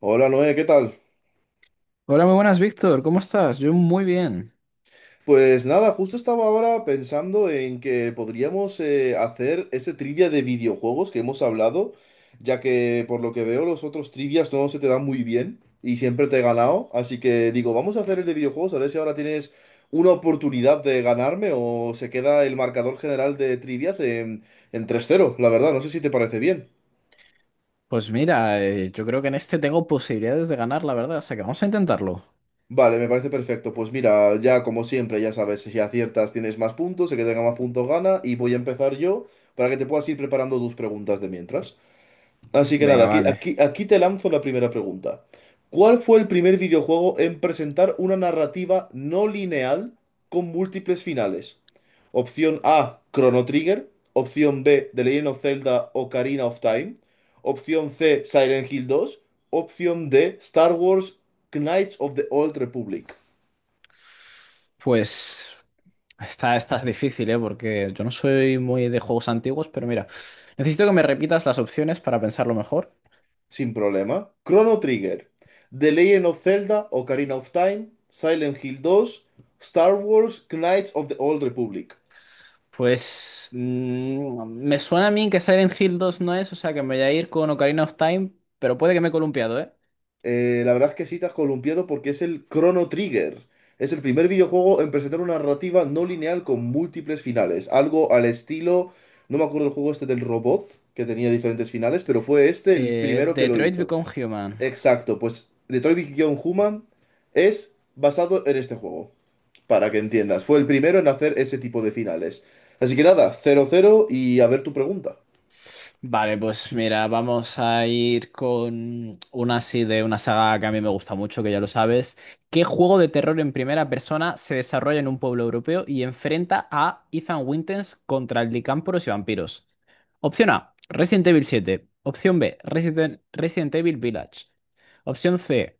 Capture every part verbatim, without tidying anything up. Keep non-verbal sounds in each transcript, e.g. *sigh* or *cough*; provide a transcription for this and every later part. Hola Noé, ¿qué tal? Hola, muy buenas, Víctor. ¿Cómo estás? Yo muy bien. Pues nada, justo estaba ahora pensando en que podríamos eh, hacer ese trivia de videojuegos que hemos hablado, ya que por lo que veo los otros trivias no se te dan muy bien y siempre te he ganado, así que digo, vamos a hacer el de videojuegos, a ver si ahora tienes una oportunidad de ganarme o se queda el marcador general de trivias en, en tres cero, la verdad, no sé si te parece bien. Pues mira, eh, yo creo que en este tengo posibilidades de ganar, la verdad. O sea que vamos a intentarlo. Vale, me parece perfecto. Pues mira, ya como siempre, ya sabes, si aciertas tienes más puntos, el que tenga más puntos gana y voy a empezar yo para que te puedas ir preparando tus preguntas de mientras. Así que nada, Venga, aquí, vale. aquí, aquí te lanzo la primera pregunta. ¿Cuál fue el primer videojuego en presentar una narrativa no lineal con múltiples finales? Opción A, Chrono Trigger. Opción B, The Legend of Zelda Ocarina of Time. Opción C, Silent Hill dos. Opción D, Star Wars Knights of the Old Republic. Pues esta, esta es difícil, ¿eh? Porque yo no soy muy de juegos antiguos, pero mira, necesito que me repitas las opciones para pensarlo mejor. Sin problema. Chrono Trigger, The Legend of Zelda Ocarina of Time, Silent Hill dos, Star Wars Knights of the Old Republic. Pues mm, me suena a mí que Silent Hill dos no es, o sea que me voy a ir con Ocarina of Time, pero puede que me he columpiado, ¿eh? Eh, la verdad es que sí te has columpiado porque es el Chrono Trigger. Es el primer videojuego en presentar una narrativa no lineal con múltiples finales. Algo al estilo, no me acuerdo el juego este del robot, que tenía diferentes finales, pero fue este el Eh, primero que lo Detroit hizo. Become Human. Exacto, pues Detroit Become Human es basado en este juego, para que entiendas. Fue el primero en hacer ese tipo de finales. Así que nada, cero cero y a ver tu pregunta. Vale, pues mira, vamos a ir con una así de una saga que a mí me gusta mucho, que ya lo sabes. ¿Qué juego de terror en primera persona se desarrolla en un pueblo europeo y enfrenta a Ethan Winters contra licámporos y vampiros? Opción A, Resident Evil siete. Opción B, Resident, Resident Evil Village. Opción C,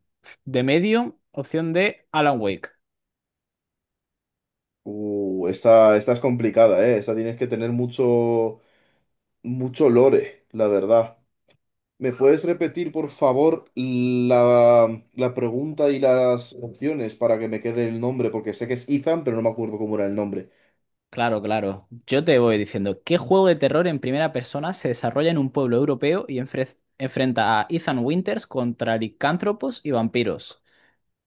The Medium. Opción D, Alan Wake. Uh, esta, esta es complicada, ¿eh? Esta tienes que tener mucho... Mucho lore, la verdad. ¿Me puedes repetir, por favor, la, la pregunta y las opciones para que me quede el nombre? Porque sé que es Ethan, pero no me acuerdo cómo era el nombre. Claro, claro. Yo te voy diciendo, ¿qué juego de terror en primera persona se desarrolla en un pueblo europeo y enfre- enfrenta a Ethan Winters contra licántropos y vampiros?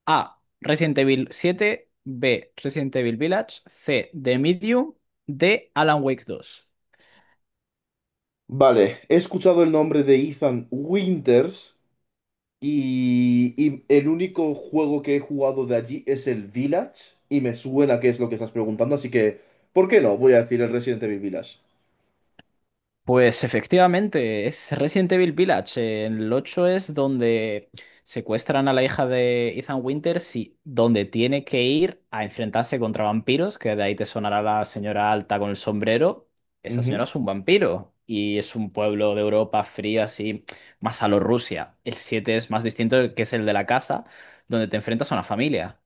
A. Resident Evil siete, B. Resident Evil Village, C. The Medium, D. Alan Wake dos. Vale, he escuchado el nombre de Ethan Winters y, y el único juego que he jugado de allí es el Village y me suena que es lo que estás preguntando, así que, ¿por qué no? Voy a decir el Resident Evil Village. Pues efectivamente, es Resident Evil Village. Eh, En el ocho es donde secuestran a la hija de Ethan Winters y donde tiene que ir a enfrentarse contra vampiros, que de ahí te sonará la señora alta con el sombrero. Esa señora Ujú. es un vampiro y es un pueblo de Europa fría, así, más a lo Rusia. El siete es más distinto, que es el de la casa, donde te enfrentas a una familia.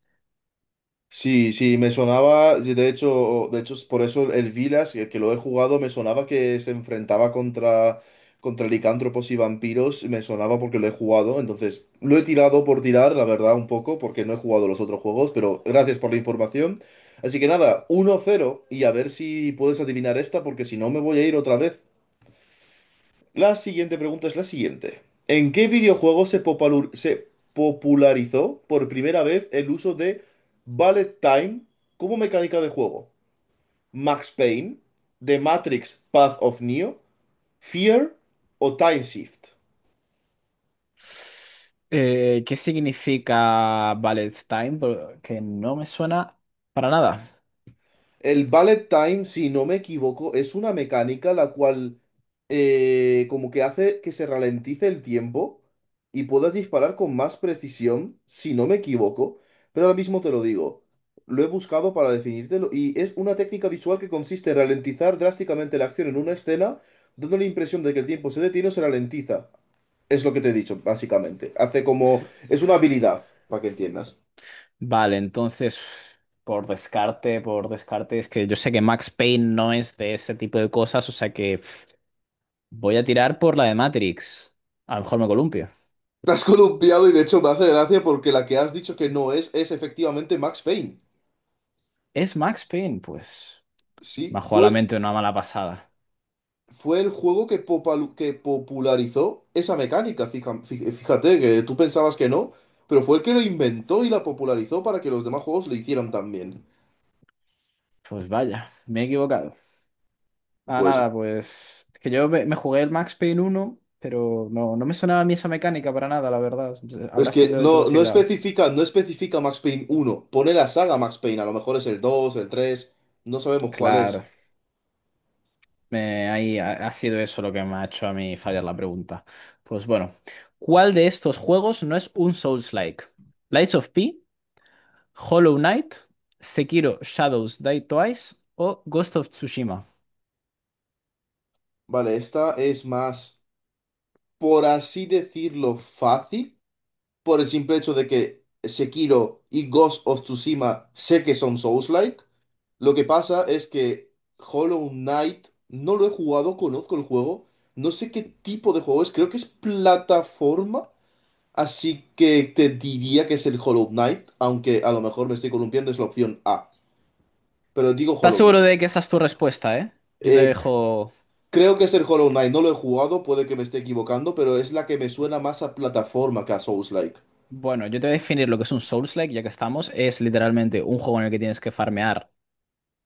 Sí, sí, me sonaba, de hecho, de hecho, es por eso el Vilas, que, que lo he jugado, me sonaba que se enfrentaba contra, contra licántropos y vampiros, me sonaba porque lo he jugado, entonces lo he tirado por tirar, la verdad, un poco, porque no he jugado los otros juegos, pero gracias por la información. Así que nada, uno cero y a ver si puedes adivinar esta, porque si no me voy a ir otra vez. La siguiente pregunta es la siguiente. ¿En qué videojuego se, popalur- se popularizó por primera vez el uso de Bullet Time como mecánica de juego? ¿Max Payne, The Matrix Path of Neo, Fear o Time Shift? Eh, ¿qué significa Ballet Time? Porque no me suena para nada. El bullet time, si no me equivoco, es una mecánica la cual eh, como que hace que se ralentice el tiempo y puedas disparar con más precisión, si no me equivoco. Pero ahora mismo te lo digo. Lo he buscado para definírtelo y es una técnica visual que consiste en ralentizar drásticamente la acción en una escena, dando la impresión de que el tiempo se detiene o se ralentiza. Es lo que te he dicho, básicamente. Hace como... Es una habilidad, para que entiendas. Vale, entonces, por descarte, por descarte, es que yo sé que Max Payne no es de ese tipo de cosas, o sea que voy a tirar por la de Matrix. A lo mejor me columpio. *laughs* Te has columpiado y de hecho me hace gracia porque la que has dicho que no es es efectivamente Max Payne. ¿Es Max Payne? Pues me Sí, ha jugado fue la el, mente una mala pasada. fue el juego que, popalu- que popularizó esa mecánica. fija- fí- Fíjate que tú pensabas que no, pero fue el que lo inventó y la popularizó para que los demás juegos lo hicieran también. Pues vaya, me he equivocado. Ah, Pues nada, pues es que yo me, me jugué el Max Payne uno, pero no, no me sonaba a mí esa mecánica para nada, la verdad. es Habrá que sido no, no introducida. especifica, no especifica Max Payne uno pone la saga Max Payne, a lo mejor es el dos el tres no sabemos cuál es. Claro. Eh, ahí ha, ha sido eso lo que me ha hecho a mí fallar la pregunta. Pues bueno, ¿cuál de estos juegos no es un Souls-like? ¿Lies of P, Hollow Knight, Sekiro Shadows Die Twice o Ghost of Tsushima? Vale, esta es más, por así decirlo, fácil, por el simple hecho de que Sekiro y Ghost of Tsushima sé que son Souls-like. Lo que pasa es que Hollow Knight no lo he jugado, conozco el juego, no sé qué tipo de juego es, creo que es plataforma, así que te diría que es el Hollow Knight, aunque a lo mejor me estoy columpiando, es la opción A, pero digo ¿Estás Hollow seguro Knight. de que esa es tu respuesta, eh? Yo te Eh, c- dejo... Creo que es el Hollow Knight, no lo he jugado, puede que me esté equivocando, pero es la que me suena más a plataforma que a Souls-like. Bueno, yo te voy a definir lo que es un Souls-like, ya que estamos. Es literalmente un juego en el que tienes que farmear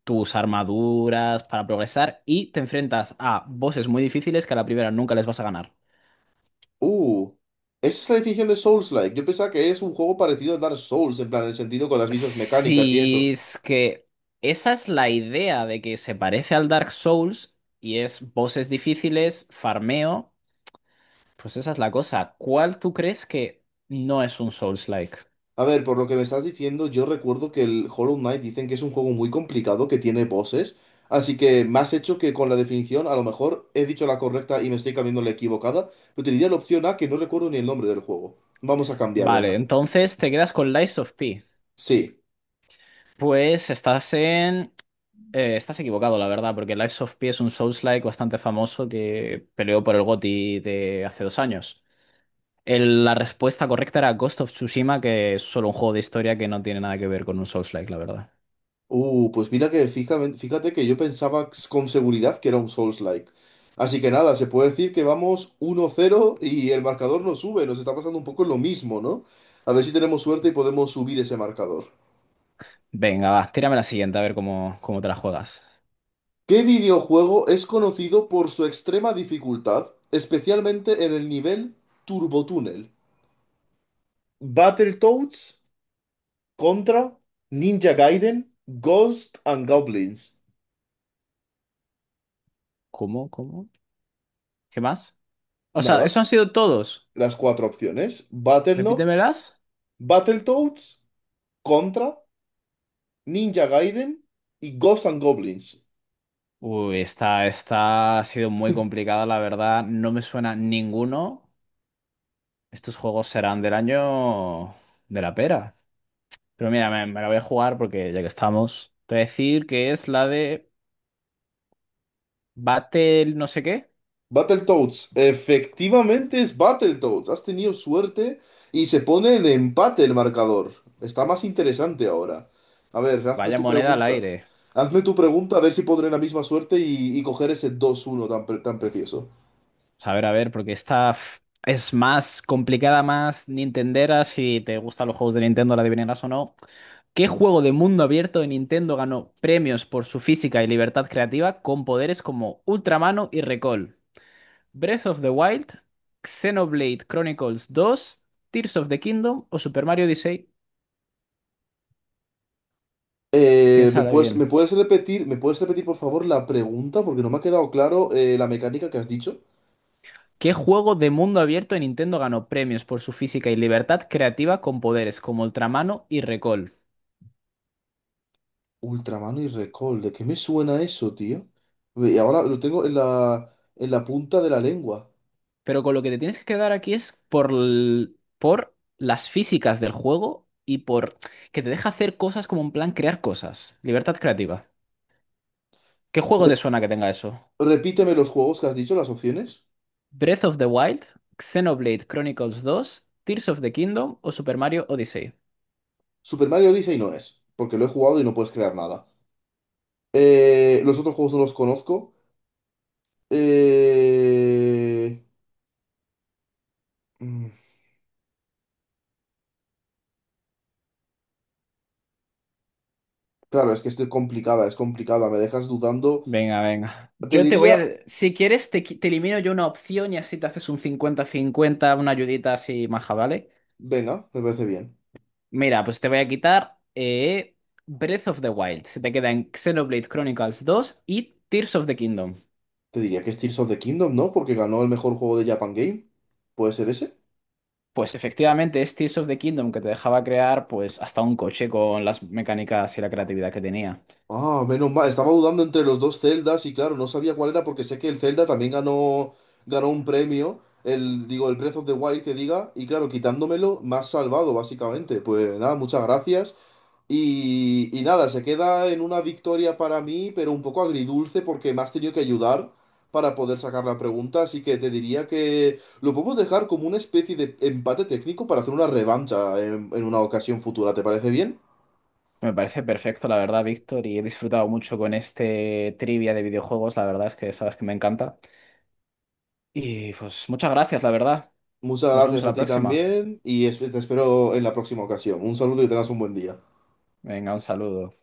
tus armaduras para progresar y te enfrentas a bosses muy difíciles que a la primera nunca les vas a ganar. Uh, esa es la definición de Souls-like. Yo pensaba que es un juego parecido a Dark Souls, en plan, en el sentido con las mismas mecánicas y Sí, eso. es que esa es la idea de que se parece al Dark Souls y es voces difíciles, farmeo. Pues esa es la cosa. ¿Cuál tú crees que no es un Souls-like? A ver, por lo que me estás diciendo, yo recuerdo que el Hollow Knight dicen que es un juego muy complicado, que tiene bosses. Así que me has hecho que con la definición, a lo mejor he dicho la correcta y me estoy cambiando la equivocada. Pero te diría la opción A, que no recuerdo ni el nombre del juego. Vamos a cambiar, Vale, venga. entonces te quedas con Lies of P. Sí. Pues estás en. eh, estás equivocado, la verdad, porque Lies of P es un Souls-like bastante famoso que peleó por el G O T Y de hace dos años. El- la respuesta correcta era Ghost of Tsushima, que es solo un juego de historia que no tiene nada que ver con un Souls-like, la verdad. Uh, pues mira que fíjame- fíjate, que yo pensaba con seguridad que era un Souls-like. Así que nada, se puede decir que vamos uno cero y el marcador no sube. Nos está pasando un poco lo mismo, ¿no? A ver si tenemos suerte y podemos subir ese marcador. Venga, va, tírame la siguiente, a ver cómo, cómo te la juegas. ¿Qué videojuego es conocido por su extrema dificultad, especialmente en el nivel Turbotúnel? Battletoads contra Ninja Gaiden, Ghost and Goblins. ¿Cómo? ¿Cómo? ¿Qué más? O sea, eso Nada, han sido todos. las cuatro opciones. Battletoads, Repítemelas. Battletoads. Contra, Ninja Gaiden y Ghosts and Goblins. Uy, esta, esta ha sido muy complicada, la verdad. No me suena ninguno. Estos juegos serán del año de la pera. Pero mira, me, me la voy a jugar porque ya que estamos, te voy a decir que es la de Battle no sé qué. Battletoads, efectivamente es Battletoads. Has tenido suerte y se pone en empate el marcador. Está más interesante ahora. A ver, hazme Vaya tu moneda al pregunta. aire. Hazme tu pregunta a ver si podré la misma suerte y, y coger ese dos uno tan, pre- tan precioso. A ver, a ver, porque esta f- es más complicada, más nintendera, si te gustan los juegos de Nintendo, la adivinarás o no. ¿Qué juego de mundo abierto de Nintendo ganó premios por su física y libertad creativa con poderes como Ultramano y Recall? ¿Breath of the Wild, Xenoblade Chronicles dos, Tears of the Kingdom o Super Mario Odyssey? Eh, ¿me Piénsala puedes, bien. me puedes repetir, me puedes repetir por favor la pregunta? Porque no me ha quedado claro eh, la mecánica que has dicho. ¿Qué juego de mundo abierto de Nintendo ganó premios por su física y libertad creativa con poderes como Ultramano y Recall? Ultraman y Recall, ¿de qué me suena eso, tío? Y ahora lo tengo en la, en la punta de la lengua. Pero con lo que te tienes que quedar aquí es por, l- por las físicas del juego y por que te deja hacer cosas como en plan crear cosas. Libertad creativa. ¿Qué juego te suena que tenga eso? Repíteme los juegos que has dicho, las opciones. Breath of the Wild, Xenoblade Chronicles dos, Tears of the Kingdom o Super Mario Odyssey. Super Mario Odyssey no es, porque lo he jugado y no puedes crear nada. Eh, los otros juegos no los conozco. Eh, mm, Claro, es que estoy complicada, es complicada, me dejas dudando. Venga, venga. Te Yo te voy diría, a... Si quieres, te, qui- te elimino yo una opción y así te haces un cincuenta cincuenta, una ayudita así maja, ¿vale? venga, me parece bien. Mira, pues te voy a quitar eh, Breath of the Wild. Se te queda en Xenoblade Chronicles dos y Tears of the Kingdom. Te diría que es Tears of the Kingdom, ¿no? Porque ganó el mejor juego de Japan Game. ¿Puede ser ese? Pues efectivamente es Tears of the Kingdom, que te dejaba crear pues hasta un coche con las mecánicas y la creatividad que tenía. Ah, menos mal. Estaba dudando entre los dos Zeldas y claro, no sabía cuál era porque sé que el Zelda también ganó, ganó un premio, el, digo, el Breath of the Wild que diga, y claro, quitándomelo, me has salvado, básicamente. Pues nada, muchas gracias. Y, y nada, se queda en una victoria para mí, pero un poco agridulce porque me has tenido que ayudar para poder sacar la pregunta, así que te diría que lo podemos dejar como una especie de empate técnico para hacer una revancha en en una ocasión futura, ¿te parece bien? Me parece perfecto, la verdad, Víctor, y he disfrutado mucho con este trivia de videojuegos. La verdad es que sabes que me encanta. Y pues muchas gracias, la verdad. Muchas Nos vemos gracias a a la ti próxima. también y esp- te espero en la próxima ocasión. Un saludo y tengas un buen día. Venga, un saludo.